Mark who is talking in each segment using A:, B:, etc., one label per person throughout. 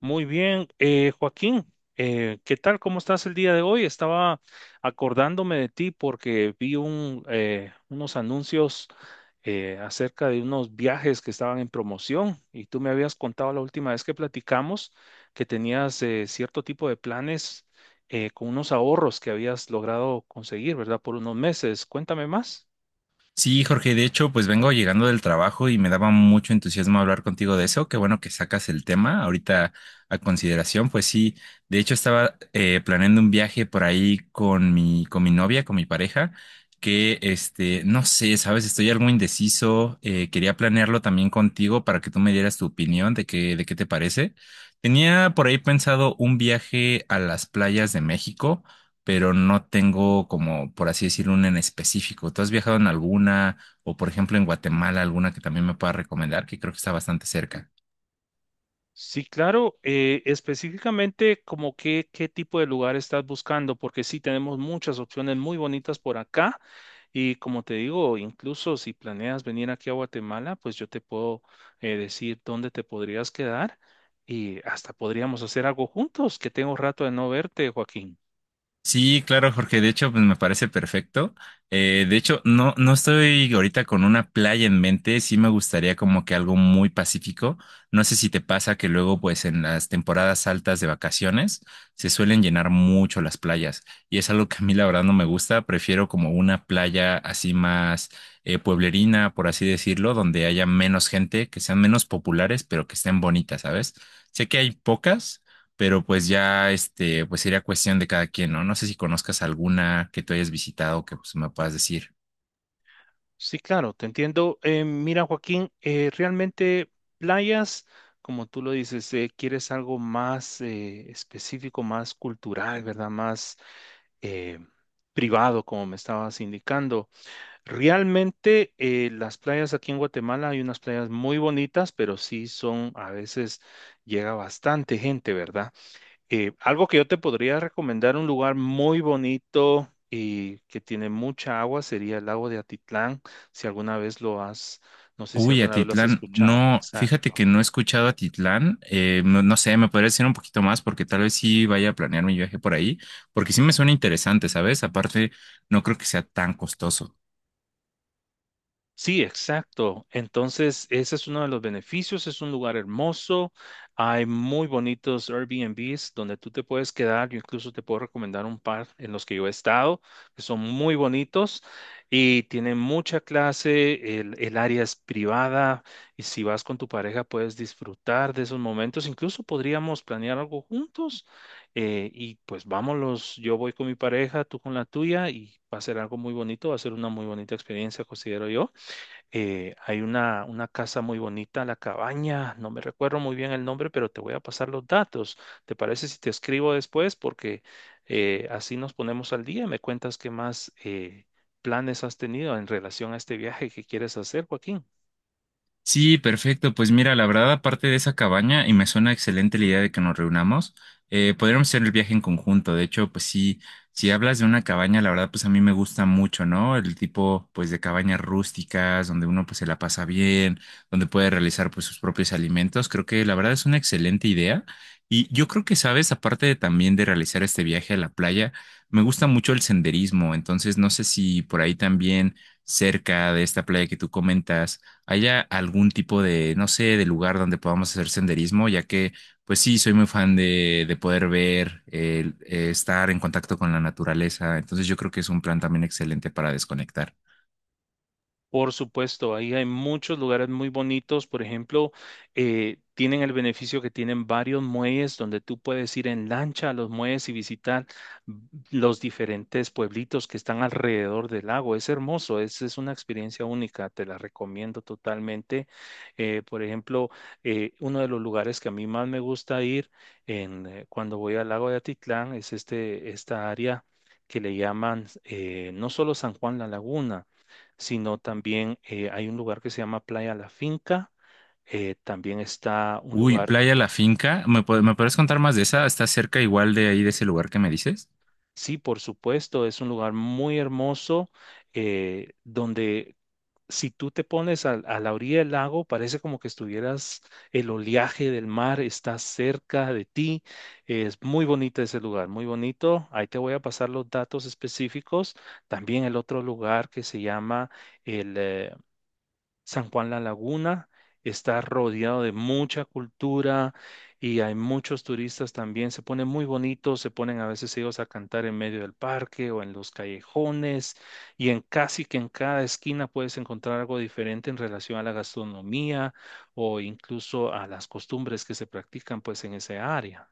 A: Muy bien, Joaquín, ¿qué tal? ¿Cómo estás el día de hoy? Estaba acordándome de ti porque vi unos anuncios acerca de unos viajes que estaban en promoción y tú me habías contado la última vez que platicamos que tenías cierto tipo de planes con unos ahorros que habías logrado conseguir, ¿verdad? Por unos meses. Cuéntame más.
B: Sí, Jorge, de hecho, pues vengo llegando del trabajo y me daba mucho entusiasmo hablar contigo de eso. Qué bueno que sacas el tema ahorita a consideración. Pues sí, de hecho estaba planeando un viaje por ahí con mi novia, con mi pareja, que este, no sé, sabes, estoy algo indeciso. Quería planearlo también contigo para que tú me dieras tu opinión de qué te parece. Tenía por ahí pensado un viaje a las playas de México pero no tengo como, por así decirlo, una en específico. ¿Tú has viajado en alguna o, por ejemplo, en Guatemala, alguna que también me pueda recomendar, que creo que está bastante cerca?
A: Sí, claro. Específicamente, ¿qué tipo de lugar estás buscando? Porque sí tenemos muchas opciones muy bonitas por acá. Y como te digo, incluso si planeas venir aquí a Guatemala, pues yo te puedo decir dónde te podrías quedar y hasta podríamos hacer algo juntos, que tengo rato de no verte, Joaquín.
B: Sí, claro, Jorge. De hecho, pues me parece perfecto. De hecho, no, no estoy ahorita con una playa en mente. Sí me gustaría como que algo muy pacífico. No sé si te pasa que luego, pues en las temporadas altas de vacaciones, se suelen llenar mucho las playas. Y es algo que a mí la verdad no me gusta. Prefiero como una playa así más pueblerina, por así decirlo, donde haya menos gente, que sean menos populares, pero que estén bonitas, ¿sabes? Sé que hay pocas pero pues ya este, pues sería cuestión de cada quien, ¿no? No sé si conozcas alguna que tú hayas visitado que pues, me puedas decir.
A: Sí, claro, te entiendo. Mira, Joaquín, realmente playas, como tú lo dices, quieres algo más específico, más cultural, ¿verdad? Más eh, privado, como me estabas indicando. Realmente las playas aquí en Guatemala hay unas playas muy bonitas, pero sí son, a veces llega bastante gente, ¿verdad? Algo que yo te podría recomendar, un lugar muy bonito y que tiene mucha agua, sería el lago de Atitlán, si alguna vez lo has, no sé si
B: Uy,
A: alguna vez lo has
B: Atitlán,
A: escuchado.
B: no, fíjate que
A: Exacto.
B: no he escuchado Atitlán, no, no sé, me podrías decir un poquito más porque tal vez sí vaya a planear mi viaje por ahí, porque sí me suena interesante, ¿sabes? Aparte, no creo que sea tan costoso.
A: Sí, exacto. Entonces, ese es uno de los beneficios. Es un lugar hermoso. Hay muy bonitos Airbnbs donde tú te puedes quedar. Yo incluso te puedo recomendar un par en los que yo he estado, que son muy bonitos y tienen mucha clase. El área es privada y si vas con tu pareja puedes disfrutar de esos momentos. Incluso podríamos planear algo juntos y pues vámonos. Yo voy con mi pareja, tú con la tuya y va a ser algo muy bonito. Va a ser una muy bonita experiencia, considero yo. Hay una casa muy bonita, La Cabaña, no me recuerdo muy bien el nombre, pero te voy a pasar los datos. ¿Te parece si te escribo después? Porque así nos ponemos al día. Me cuentas qué más planes has tenido en relación a este viaje que quieres hacer, Joaquín.
B: Sí, perfecto. Pues mira, la verdad, aparte de esa cabaña, y me suena excelente la idea de que nos reunamos, podríamos hacer el viaje en conjunto. De hecho, pues sí, si hablas de una cabaña, la verdad, pues a mí me gusta mucho, ¿no? El tipo, pues, de cabañas rústicas, donde uno, pues, se la pasa bien, donde puede realizar, pues, sus propios alimentos. Creo que la verdad es una excelente idea. Y yo creo que, sabes, aparte de también de realizar este viaje a la playa, me gusta mucho el senderismo. Entonces, no sé si por ahí también, cerca de esta playa que tú comentas, haya algún tipo de, no sé, de lugar donde podamos hacer senderismo, ya que, pues sí, soy muy fan de poder ver, estar en contacto con la naturaleza. Entonces yo creo que es un plan también excelente para desconectar.
A: Por supuesto, ahí hay muchos lugares muy bonitos. Por ejemplo, tienen el beneficio que tienen varios muelles donde tú puedes ir en lancha a los muelles y visitar los diferentes pueblitos que están alrededor del lago. Es hermoso, es una experiencia única, te la recomiendo totalmente. Por ejemplo, uno de los lugares que a mí más me gusta ir cuando voy al lago de Atitlán es esta área que le llaman, no solo San Juan la Laguna, sino también, hay un lugar que se llama Playa La Finca. También está un
B: Uy,
A: lugar,
B: Playa La Finca, ¿ me puedes contar más de esa? ¿Está cerca igual de ahí, de ese lugar que me dices?
A: sí, por supuesto, es un lugar muy hermoso donde si tú te pones la orilla del lago, parece como que estuvieras, el oleaje del mar está cerca de ti. Es muy bonito ese lugar, muy bonito. Ahí te voy a pasar los datos específicos. También el otro lugar que se llama el San Juan La Laguna está rodeado de mucha cultura y hay muchos turistas también. Se ponen muy bonitos, se ponen a veces ellos a cantar en medio del parque o en los callejones y en casi que en cada esquina puedes encontrar algo diferente en relación a la gastronomía o incluso a las costumbres que se practican pues en esa área.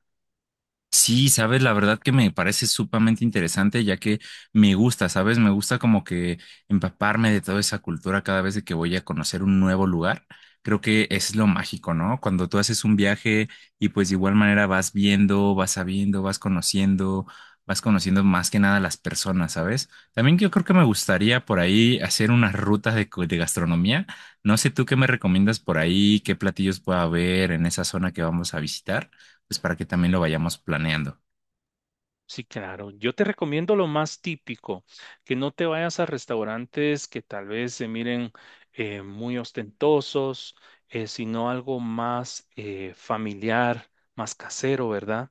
B: Sí, sabes, la verdad que me parece sumamente interesante, ya que me gusta, sabes, me gusta como que empaparme de toda esa cultura cada vez de que voy a conocer un nuevo lugar. Creo que es lo mágico, ¿no? Cuando tú haces un viaje y pues de igual manera vas viendo, vas sabiendo, vas conociendo más que nada las personas, ¿sabes? También yo creo que me gustaría por ahí hacer unas rutas de, de gastronomía. No sé tú qué me recomiendas por ahí, qué platillos pueda haber en esa zona que vamos a visitar pues para que también lo vayamos planeando.
A: Sí, claro. Yo te recomiendo lo más típico, que no te vayas a restaurantes que tal vez se miren muy ostentosos, sino algo más familiar, más casero, ¿verdad?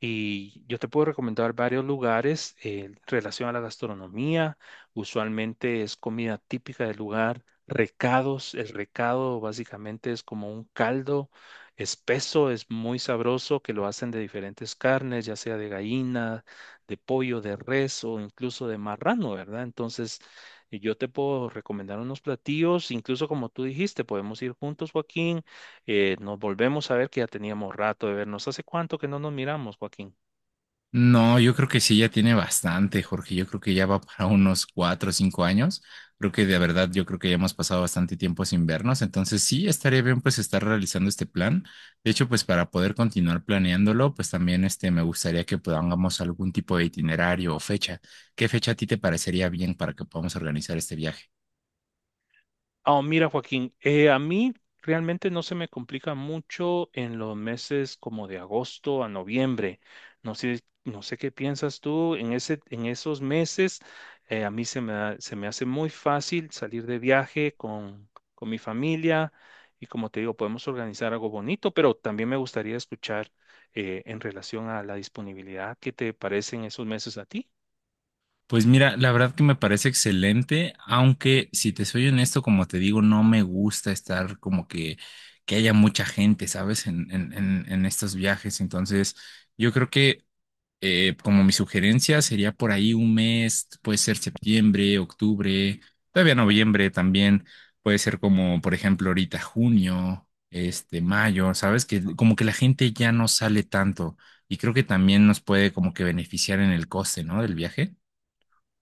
A: Y yo te puedo recomendar varios lugares en relación a la gastronomía. Usualmente es comida típica del lugar, recados. El recado básicamente es como un caldo espeso, es muy sabroso, que lo hacen de diferentes carnes, ya sea de gallina, de pollo, de res o incluso de marrano, ¿verdad? Entonces, y yo te puedo recomendar unos platillos, incluso como tú dijiste, podemos ir juntos, Joaquín. Nos volvemos a ver, que ya teníamos rato de vernos. ¿Hace cuánto que no nos miramos, Joaquín?
B: No, yo creo que sí, ya tiene bastante, Jorge. Yo creo que ya va para unos 4 o 5 años. Creo que de verdad, yo creo que ya hemos pasado bastante tiempo sin vernos. Entonces sí, estaría bien pues estar realizando este plan. De hecho, pues para poder continuar planeándolo, pues también este, me gustaría que podamos algún tipo de itinerario o fecha. ¿Qué fecha a ti te parecería bien para que podamos organizar este viaje?
A: Oh, mira, Joaquín, a mí realmente no se me complica mucho en los meses como de agosto a noviembre. No sé, no sé qué piensas tú en en esos meses. A mí se me, se me hace muy fácil salir de viaje con mi familia y como te digo, podemos organizar algo bonito, pero también me gustaría escuchar en relación a la disponibilidad, ¿qué te parecen esos meses a ti?
B: Pues mira, la verdad que me parece excelente, aunque si te soy honesto, como te digo, no me gusta estar como que haya mucha gente, ¿sabes? En, en estos viajes. Entonces, yo creo que como mi sugerencia sería por ahí un mes, puede ser septiembre, octubre, todavía noviembre también, puede ser como, por ejemplo, ahorita junio, este, mayo, ¿sabes? Que como que la gente ya no sale tanto y creo que también nos puede como que beneficiar en el coste, ¿no? Del viaje.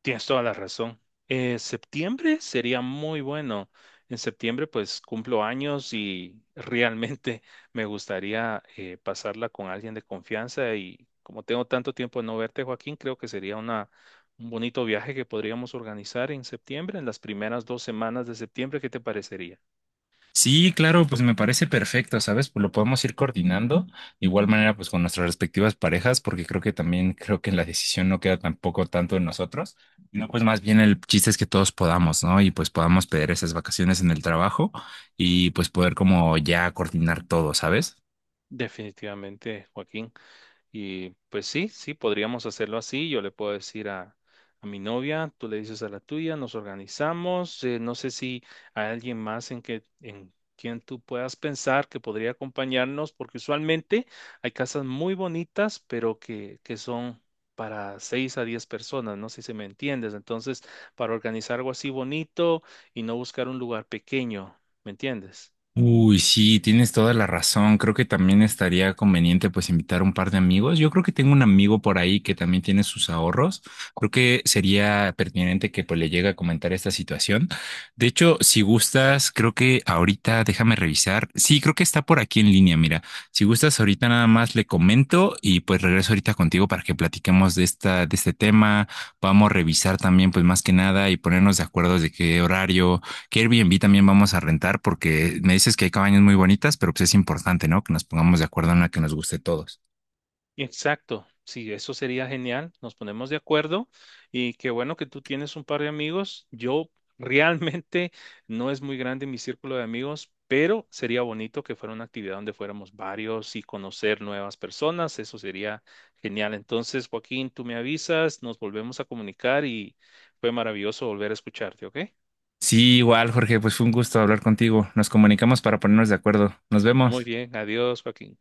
A: Tienes toda la razón. Septiembre sería muy bueno. En septiembre pues cumplo años y realmente me gustaría pasarla con alguien de confianza y como tengo tanto tiempo de no verte, Joaquín, creo que sería un bonito viaje que podríamos organizar en septiembre, en las primeras 2 semanas de septiembre. ¿Qué te parecería?
B: Sí, claro, pues me parece perfecto, ¿sabes? Pues lo podemos ir coordinando, de igual manera, pues con nuestras respectivas parejas, porque creo que también creo que la decisión no queda tampoco tanto en nosotros, no, pues más bien el chiste es que todos podamos, ¿no? Y pues podamos pedir esas vacaciones en el trabajo y pues poder como ya coordinar todo, ¿sabes?
A: Definitivamente, Joaquín. Y pues sí, sí, podríamos hacerlo así. Yo le puedo decir a mi novia, tú le dices a la tuya, nos organizamos. No sé si hay alguien más en quien tú puedas pensar que podría acompañarnos, porque usualmente hay casas muy bonitas, pero que son para 6 a 10 personas, no sé si me entiendes. Entonces, para organizar algo así bonito y no buscar un lugar pequeño, ¿me entiendes?
B: Uy, sí, tienes toda la razón. Creo que también estaría conveniente pues invitar un par de amigos. Yo creo que tengo un amigo por ahí que también tiene sus ahorros. Creo que sería pertinente que pues le llegue a comentar esta situación. De hecho, si gustas, creo que ahorita déjame revisar. Sí, creo que está por aquí en línea. Mira, si gustas ahorita nada más le comento y pues regreso ahorita contigo para que platiquemos de de este tema. Vamos a revisar también pues más que nada y ponernos de acuerdo de qué horario. ¿Qué Airbnb también vamos a rentar? Porque me dices que hay cabañas muy bonitas, pero pues es importante, ¿no? Que nos pongamos de acuerdo en una que nos guste a todos.
A: Exacto, sí, eso sería genial. Nos ponemos de acuerdo y qué bueno que tú tienes un par de amigos. Yo realmente no es muy grande mi círculo de amigos, pero sería bonito que fuera una actividad donde fuéramos varios y conocer nuevas personas. Eso sería genial. Entonces, Joaquín, tú me avisas, nos volvemos a comunicar y fue maravilloso volver a escucharte, ¿ok?
B: Sí, igual, Jorge, pues fue un gusto hablar contigo. Nos comunicamos para ponernos de acuerdo. Nos
A: Muy
B: vemos.
A: bien, adiós, Joaquín.